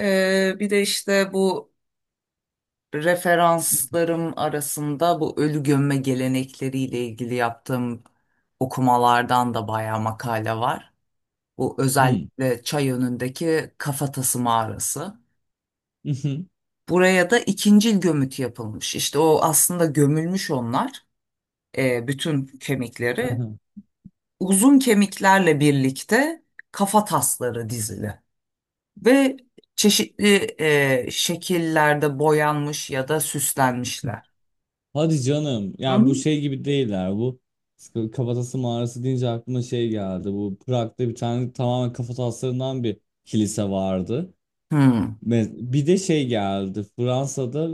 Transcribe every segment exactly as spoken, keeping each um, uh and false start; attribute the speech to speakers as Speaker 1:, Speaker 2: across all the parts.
Speaker 1: Ee, bir de işte bu referanslarım arasında bu ölü gömme gelenekleriyle ilgili yaptığım okumalardan da bayağı makale var. Bu
Speaker 2: Hmm.
Speaker 1: özellikle çay önündeki kafatası mağarası.
Speaker 2: Mhm.
Speaker 1: Buraya da ikincil gömüt yapılmış. İşte o aslında gömülmüş onlar, e, bütün kemikleri.
Speaker 2: Aha.
Speaker 1: Uzun kemiklerle birlikte kafa tasları dizili. Ve çeşitli e, şekillerde boyanmış ya da süslenmişler.
Speaker 2: Hadi canım! Yani bu
Speaker 1: Hı?
Speaker 2: şey gibi değiller bu. Sıkı- Kafatası mağarası deyince aklıma şey geldi. Bu Prag'da bir tane tamamen kafataslarından bir kilise vardı.
Speaker 1: Hı.
Speaker 2: Me- Bir de şey geldi. Fransa'da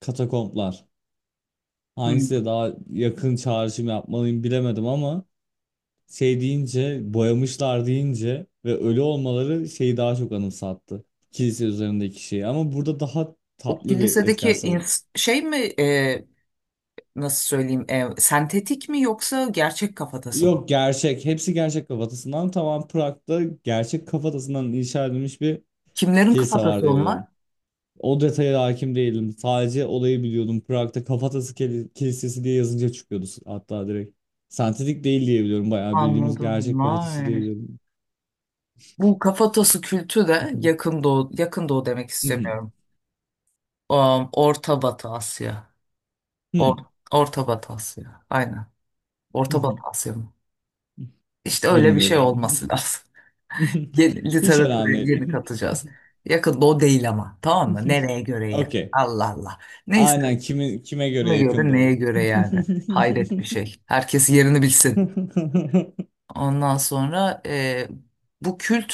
Speaker 2: katakomplar.
Speaker 1: Hı.
Speaker 2: Hangisiyle daha yakın çağrışım yapmalıyım bilemedim ama şey deyince, boyamışlar deyince ve ölü olmaları şeyi daha çok anımsattı. Kilise üzerindeki şeyi. Ama burada daha
Speaker 1: O
Speaker 2: tatlı bir etken.
Speaker 1: kilisedeki ins- şey mi, e, nasıl söyleyeyim, e, sentetik mi yoksa gerçek kafatası mı?
Speaker 2: Yok, gerçek. Hepsi gerçek kafatasından. Tamam, Prag'da gerçek kafatasından inşa edilmiş bir
Speaker 1: Kimlerin
Speaker 2: kilise var
Speaker 1: kafatası onlar?
Speaker 2: diyebilirim. O detaya da hakim değilim. Sadece olayı biliyordum. Prag'da kafatası keli- kilisesi diye yazınca çıkıyordu hatta direkt. Sentetik değil diyebiliyorum. Bayağı bildiğimiz
Speaker 1: Anladım.
Speaker 2: gerçek kafatası
Speaker 1: Vay.
Speaker 2: diyebilirim.
Speaker 1: Bu kafatası kültü de yakın doğu, yakın doğu demek istemiyorum. Um, Orta Batı Asya. Or, Orta Batı Asya. Aynen. Orta Batı Asya mı? İşte öyle bir şey
Speaker 2: Bilmiyorum.
Speaker 1: olması lazım. Yeni,
Speaker 2: Hiç
Speaker 1: literatüre
Speaker 2: önemli
Speaker 1: yeni
Speaker 2: değil.
Speaker 1: katacağız. Yakın doğu değil ama. Tamam mı? Nereye göre ya?
Speaker 2: Okey.
Speaker 1: Allah Allah. Neyse.
Speaker 2: Aynen, kime, kime göre
Speaker 1: Kime göre
Speaker 2: yakında
Speaker 1: neye
Speaker 2: o.
Speaker 1: göre yani? Hayret bir şey. Herkes yerini bilsin. Ondan sonra e, bu kült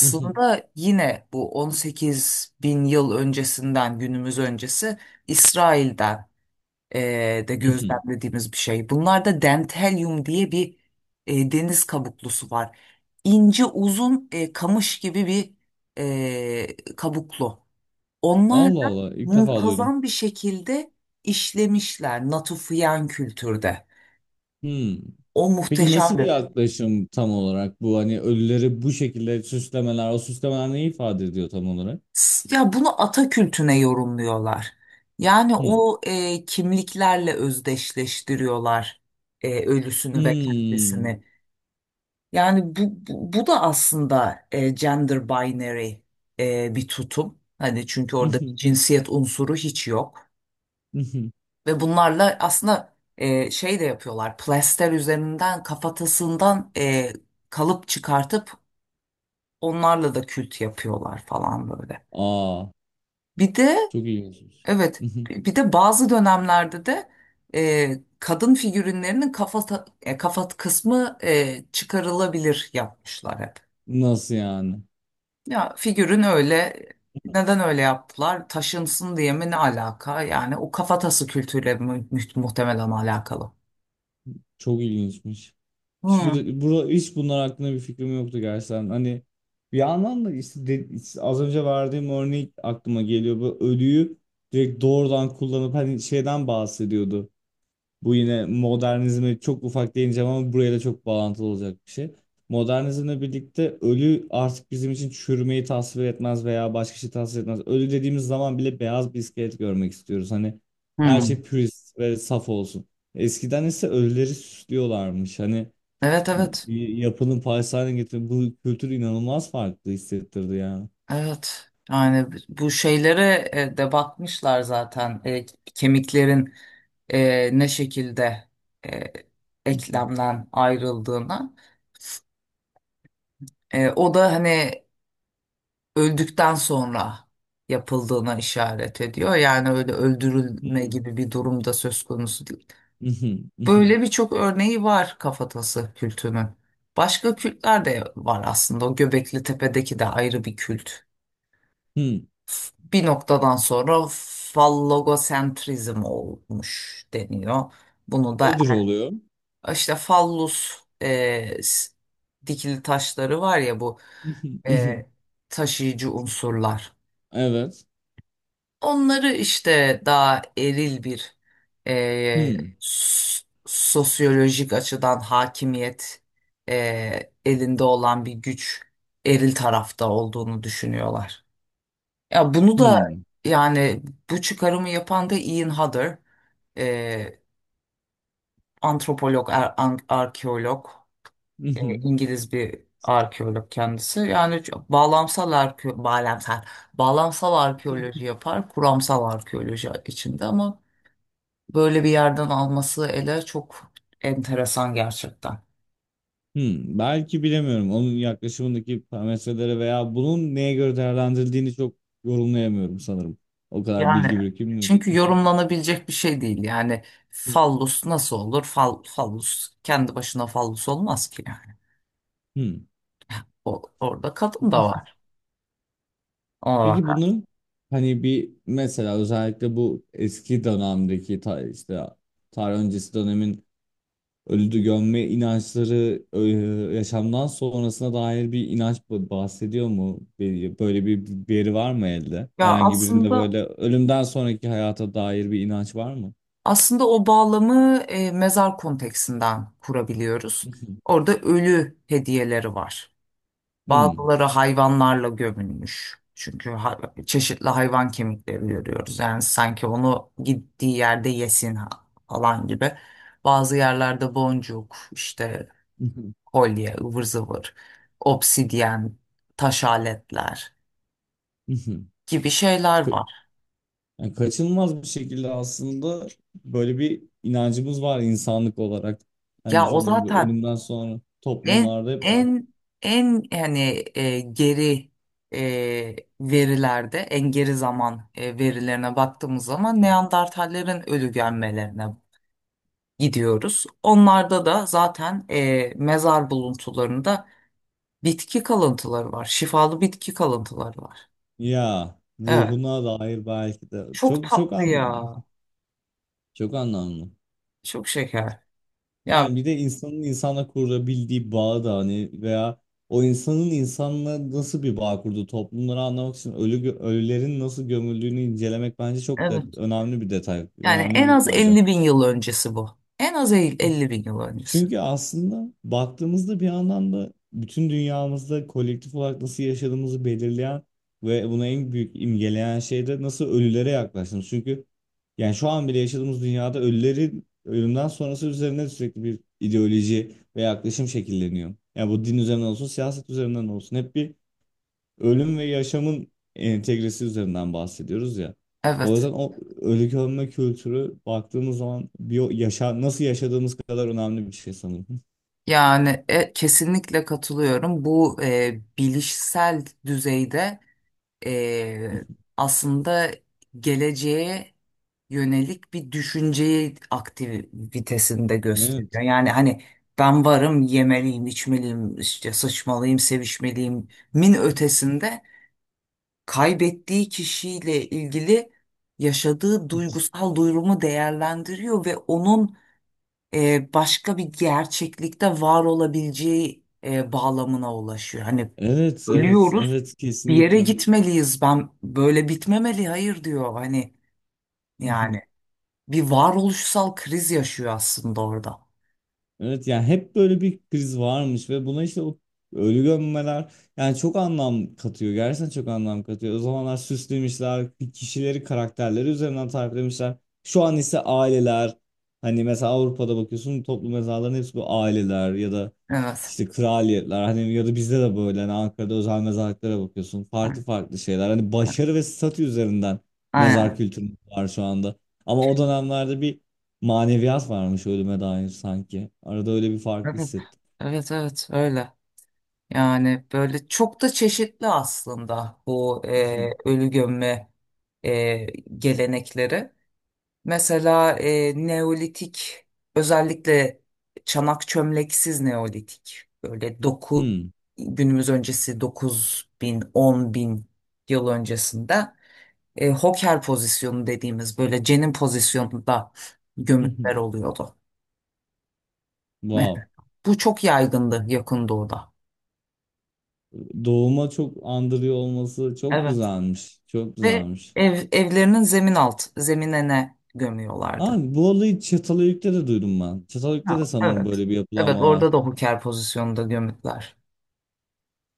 Speaker 1: yine bu on sekiz bin yıl öncesinden günümüz öncesi İsrail'den e, de
Speaker 2: Mhm.
Speaker 1: gözlemlediğimiz bir şey. Bunlarda dentelyum diye bir e, deniz kabuklusu var. İnce uzun, e, kamış gibi bir e, kabuklu. Onlar
Speaker 2: Allah
Speaker 1: da
Speaker 2: Allah, ilk defa duydum.
Speaker 1: muntazam bir şekilde işlemişler Natufian kültürde.
Speaker 2: Hmm.
Speaker 1: O
Speaker 2: Peki nasıl bir
Speaker 1: muhteşemdi.
Speaker 2: yaklaşım tam olarak bu, hani ölüleri bu şekilde süslemeler, o süslemeler ne ifade ediyor tam olarak?
Speaker 1: S- Ya bunu ata kültüne yorumluyorlar. Yani
Speaker 2: Hmm.
Speaker 1: o e, kimliklerle özdeşleştiriyorlar, e, ölüsünü ve
Speaker 2: Hmm.
Speaker 1: kendisini. Yani bu, bu, bu da aslında e, gender binary, e, bir tutum. Hani çünkü orada bir
Speaker 2: Mhm.
Speaker 1: cinsiyet unsuru hiç yok.
Speaker 2: Mhm.
Speaker 1: Ve bunlarla aslında e, şey de yapıyorlar. Plaster üzerinden kafatasından e, kalıp çıkartıp onlarla da kült yapıyorlar falan böyle.
Speaker 2: Aa,
Speaker 1: Bir de,
Speaker 2: çok ilginçmiş.
Speaker 1: evet,
Speaker 2: Mhm.
Speaker 1: bir de bazı dönemlerde de e, kadın figürinlerinin kafa kafa kısmı e, çıkarılabilir yapmışlar hep.
Speaker 2: Nasıl yani?
Speaker 1: Ya figürün öyle, neden öyle yaptılar? Taşınsın diye mi, ne alaka? Yani o kafatası kültürüyle mu- muhtemelen alakalı.
Speaker 2: Çok ilginçmiş. Hiç, bu,
Speaker 1: Hmm.
Speaker 2: bu, hiç bunlar hakkında bir fikrim yoktu gerçekten. Hani bir yandan da işte de- az önce verdiğim örnek aklıma geliyor. Bu ölüyü direkt doğrudan kullanıp hani şeyden bahsediyordu. Bu yine modernizme çok ufak değineceğim, ama buraya da çok bağlantılı olacak bir şey. Modernizmle birlikte ölü artık bizim için çürümeyi tasvir etmez veya başka şey tasvir etmez. Ölü dediğimiz zaman bile beyaz bir iskelet görmek istiyoruz. Hani her
Speaker 1: Hmm.
Speaker 2: şey pürist ve saf olsun. Eskiden ise ölüleri süslüyorlarmış. Hani
Speaker 1: Evet evet
Speaker 2: bir yapının parçası haline getirip, bu kültür inanılmaz farklı hissettirdi ya.
Speaker 1: evet, yani bu şeylere e, de bakmışlar zaten. E, kemiklerin e, ne şekilde e,
Speaker 2: Mhm.
Speaker 1: eklemden ayrıldığına, E, o da hani öldükten sonra yapıldığına işaret ediyor, yani öyle öldürülme gibi bir durumda söz konusu değil.
Speaker 2: Hmm. Mhm. Mhm.
Speaker 1: Böyle birçok örneği var kafatası kültünün. Başka kültler de var aslında, o Göbekli Tepe'deki de ayrı bir kült.
Speaker 2: Hmm.
Speaker 1: Bir noktadan sonra fallogosentrizm olmuş deniyor. Bunu da
Speaker 2: Nedir oluyor?
Speaker 1: işte fallus, e, s- dikili taşları var ya bu,
Speaker 2: Mhm. Mhm.
Speaker 1: e, taşıyıcı unsurlar.
Speaker 2: Evet.
Speaker 1: Onları işte daha eril bir, e,
Speaker 2: Hmm.
Speaker 1: s- sosyolojik açıdan hakimiyet e, elinde olan bir güç, eril tarafta olduğunu düşünüyorlar. Ya bunu da,
Speaker 2: Hmm.
Speaker 1: yani bu çıkarımı yapan da Ian Hodder, e, antropolog, ar- an- arkeolog,
Speaker 2: Hı hı.
Speaker 1: İngiliz bir arkeolog kendisi. Yani çok bağlamsal arke bağlamsal bağlamsal arkeoloji yapar, kuramsal arkeoloji içinde ama böyle bir yerden alması ele çok enteresan gerçekten.
Speaker 2: Hmm, belki bilemiyorum. Onun yaklaşımındaki parametrelere veya bunun neye göre değerlendirildiğini çok yorumlayamıyorum sanırım. O kadar
Speaker 1: Yani
Speaker 2: bilgi birikimim yok.
Speaker 1: çünkü yorumlanabilecek bir şey değil. Yani
Speaker 2: Hmm.
Speaker 1: fallus nasıl olur? Fal, fallus kendi başına fallus olmaz ki.
Speaker 2: Hmm.
Speaker 1: O- orada kadın da var. Ona bak.
Speaker 2: Peki bunun, hani bir mesela özellikle bu eski dönemdeki ta, işte tarih öncesi dönemin ölüdü gömme inançları e, yaşamdan sonrasına dair bir inanç ba- bahsediyor mu? Bir- Böyle bir veri var mı elde?
Speaker 1: Ya,
Speaker 2: Herhangi birinde
Speaker 1: aslında
Speaker 2: böyle ölümden sonraki hayata dair bir inanç var mı?
Speaker 1: aslında o bağlamı e, mezar konteksinden kurabiliyoruz. Orada ölü hediyeleri var.
Speaker 2: Hmm.
Speaker 1: Bazıları hayvanlarla gömülmüş. Çünkü hay- çeşitli hayvan kemikleri görüyoruz. Yani sanki onu gittiği yerde yesin ha- falan gibi. Bazı yerlerde boncuk, işte kolye, ıvır zıvır, obsidyen, taş aletler gibi şeyler
Speaker 2: Ka-
Speaker 1: var.
Speaker 2: yani kaçınılmaz bir şekilde aslında böyle bir inancımız var insanlık olarak. Hani
Speaker 1: Ya o
Speaker 2: sanırım bir,
Speaker 1: zaten
Speaker 2: ölümden sonra
Speaker 1: En
Speaker 2: toplumlarda hep var.
Speaker 1: en en yani e, geri e, verilerde, en geri zaman e, verilerine baktığımız zaman
Speaker 2: Hı.
Speaker 1: Neandertallerin ölü gömmelerine gidiyoruz. Onlarda da zaten e, mezar buluntularında bitki kalıntıları var. Şifalı bitki kalıntıları var.
Speaker 2: Ya
Speaker 1: Evet.
Speaker 2: ruhuna dair belki de
Speaker 1: Çok
Speaker 2: çok çok
Speaker 1: tatlı
Speaker 2: an...
Speaker 1: ya.
Speaker 2: çok anlamlı.
Speaker 1: Çok şeker. Ya
Speaker 2: Yani bir de insanın insana kurabildiği bağ da hani, veya o insanın insanla nasıl bir bağ kurduğu toplumları anlamak için ölü gö- ölülerin nasıl gömüldüğünü incelemek bence çok da
Speaker 1: evet.
Speaker 2: önemli bir detay,
Speaker 1: Yani
Speaker 2: önemli
Speaker 1: en
Speaker 2: bir
Speaker 1: az
Speaker 2: fayda.
Speaker 1: elli bin yıl öncesi bu. En az el- elli bin yıl öncesi.
Speaker 2: Çünkü aslında baktığımızda bir anlamda bütün dünyamızda kolektif olarak nasıl yaşadığımızı belirleyen ve buna en büyük imgeleyen şey de nasıl ölülere yaklaştığımız. Çünkü yani şu an bile yaşadığımız dünyada ölülerin ölümden sonrası üzerine sürekli bir ideoloji ve yaklaşım şekilleniyor. Yani bu din üzerinden olsun, siyaset üzerinden olsun. Hep bir ölüm ve yaşamın entegresi üzerinden bahsediyoruz ya. O
Speaker 1: Evet.
Speaker 2: yüzden o ölü gömme kültürü, baktığımız zaman bir yaşa, nasıl yaşadığımız kadar önemli bir şey sanırım.
Speaker 1: Yani e, kesinlikle katılıyorum. Bu e, bilişsel düzeyde, e, aslında geleceğe yönelik bir düşünceyi aktivitesinde
Speaker 2: Evet.
Speaker 1: gösteriyor. Yani hani ben varım, yemeliyim, içmeliyim, işte sıçmalıyım, sevişmeliyim min ötesinde kaybettiği kişiyle ilgili yaşadığı duygusal durumu değerlendiriyor ve onun e, başka bir gerçeklikte var olabileceği e, bağlamına ulaşıyor. Hani
Speaker 2: Evet, evet,
Speaker 1: ölüyoruz,
Speaker 2: evet,
Speaker 1: bir yere
Speaker 2: kesinlikle.
Speaker 1: gitmeliyiz. Ben böyle bitmemeli, hayır diyor. Hani yani bir varoluşsal kriz yaşıyor aslında orada.
Speaker 2: Evet, yani hep böyle bir kriz varmış ve buna işte o ölü gömmeler yani çok anlam katıyor. Gerçekten çok anlam katıyor. O zamanlar süslemişler, kişileri, karakterleri üzerinden tariflemişler. Şu an ise aileler, hani mesela Avrupa'da bakıyorsun toplu mezarların hepsi bu aileler, ya da
Speaker 1: Evet.
Speaker 2: işte kraliyetler, hani ya da bizde de böyle hani Ankara'da özel mezarlıklara bakıyorsun. Farklı farklı şeyler. Hani başarı ve statü üzerinden mezar
Speaker 1: Aynen.
Speaker 2: kültürü var şu anda. Ama o dönemlerde bir maneviyat varmış ölüme dair sanki. Arada öyle bir fark
Speaker 1: Evet.
Speaker 2: hissettim.
Speaker 1: Evet evet öyle. Yani böyle çok da çeşitli aslında bu e, ölü gömme e, gelenekleri. Mesela e, Neolitik, özellikle çanak çömleksiz Neolitik, böyle doku
Speaker 2: Hmm.
Speaker 1: günümüz öncesi dokuz bin on bin yıl öncesinde e, hoker pozisyonu dediğimiz böyle cenin pozisyonunda gömütler oluyordu. Ve
Speaker 2: Wow.
Speaker 1: bu çok yaygındı Yakın Doğu'da.
Speaker 2: Doğuma çok andırıyor olması çok
Speaker 1: Evet.
Speaker 2: güzelmiş. Çok
Speaker 1: Ve
Speaker 2: güzelmiş.
Speaker 1: ev, evlerinin zemin alt, zeminine gömüyorlardı.
Speaker 2: Aa, bu olayı Çatalhöyük'te de duydum ben. Çatalhöyük'te de
Speaker 1: Ha,
Speaker 2: sanırım
Speaker 1: evet.
Speaker 2: böyle bir
Speaker 1: Evet,
Speaker 2: yapılanma
Speaker 1: orada
Speaker 2: var.
Speaker 1: da hoker pozisyonunda gömütler.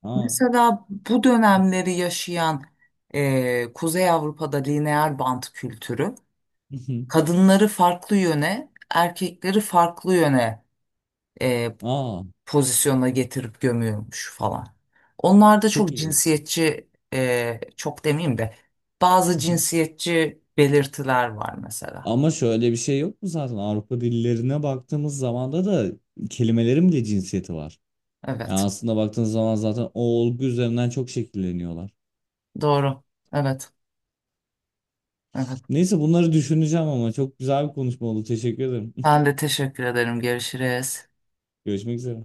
Speaker 2: Aa.
Speaker 1: Mesela bu dönemleri yaşayan, eee, Kuzey Avrupa'da lineer bant kültürü kadınları farklı yöne, erkekleri farklı yöne eee,
Speaker 2: Aa,
Speaker 1: pozisyona getirip gömüyormuş falan. Onlar da
Speaker 2: çok
Speaker 1: çok
Speaker 2: iyi.
Speaker 1: cinsiyetçi, eee, çok demeyeyim de bazı cinsiyetçi belirtiler var mesela.
Speaker 2: Ama şöyle bir şey yok mu, zaten Avrupa dillerine baktığımız zaman da da kelimelerin bile cinsiyeti var. Yani
Speaker 1: Evet,
Speaker 2: aslında baktığınız zaman zaten o olgu üzerinden çok şekilleniyorlar.
Speaker 1: doğru. Evet, evet.
Speaker 2: Neyse, bunları düşüneceğim, ama çok güzel bir konuşma oldu. Teşekkür ederim.
Speaker 1: Ben de teşekkür ederim. Görüşürüz.
Speaker 2: Görüşmek üzere.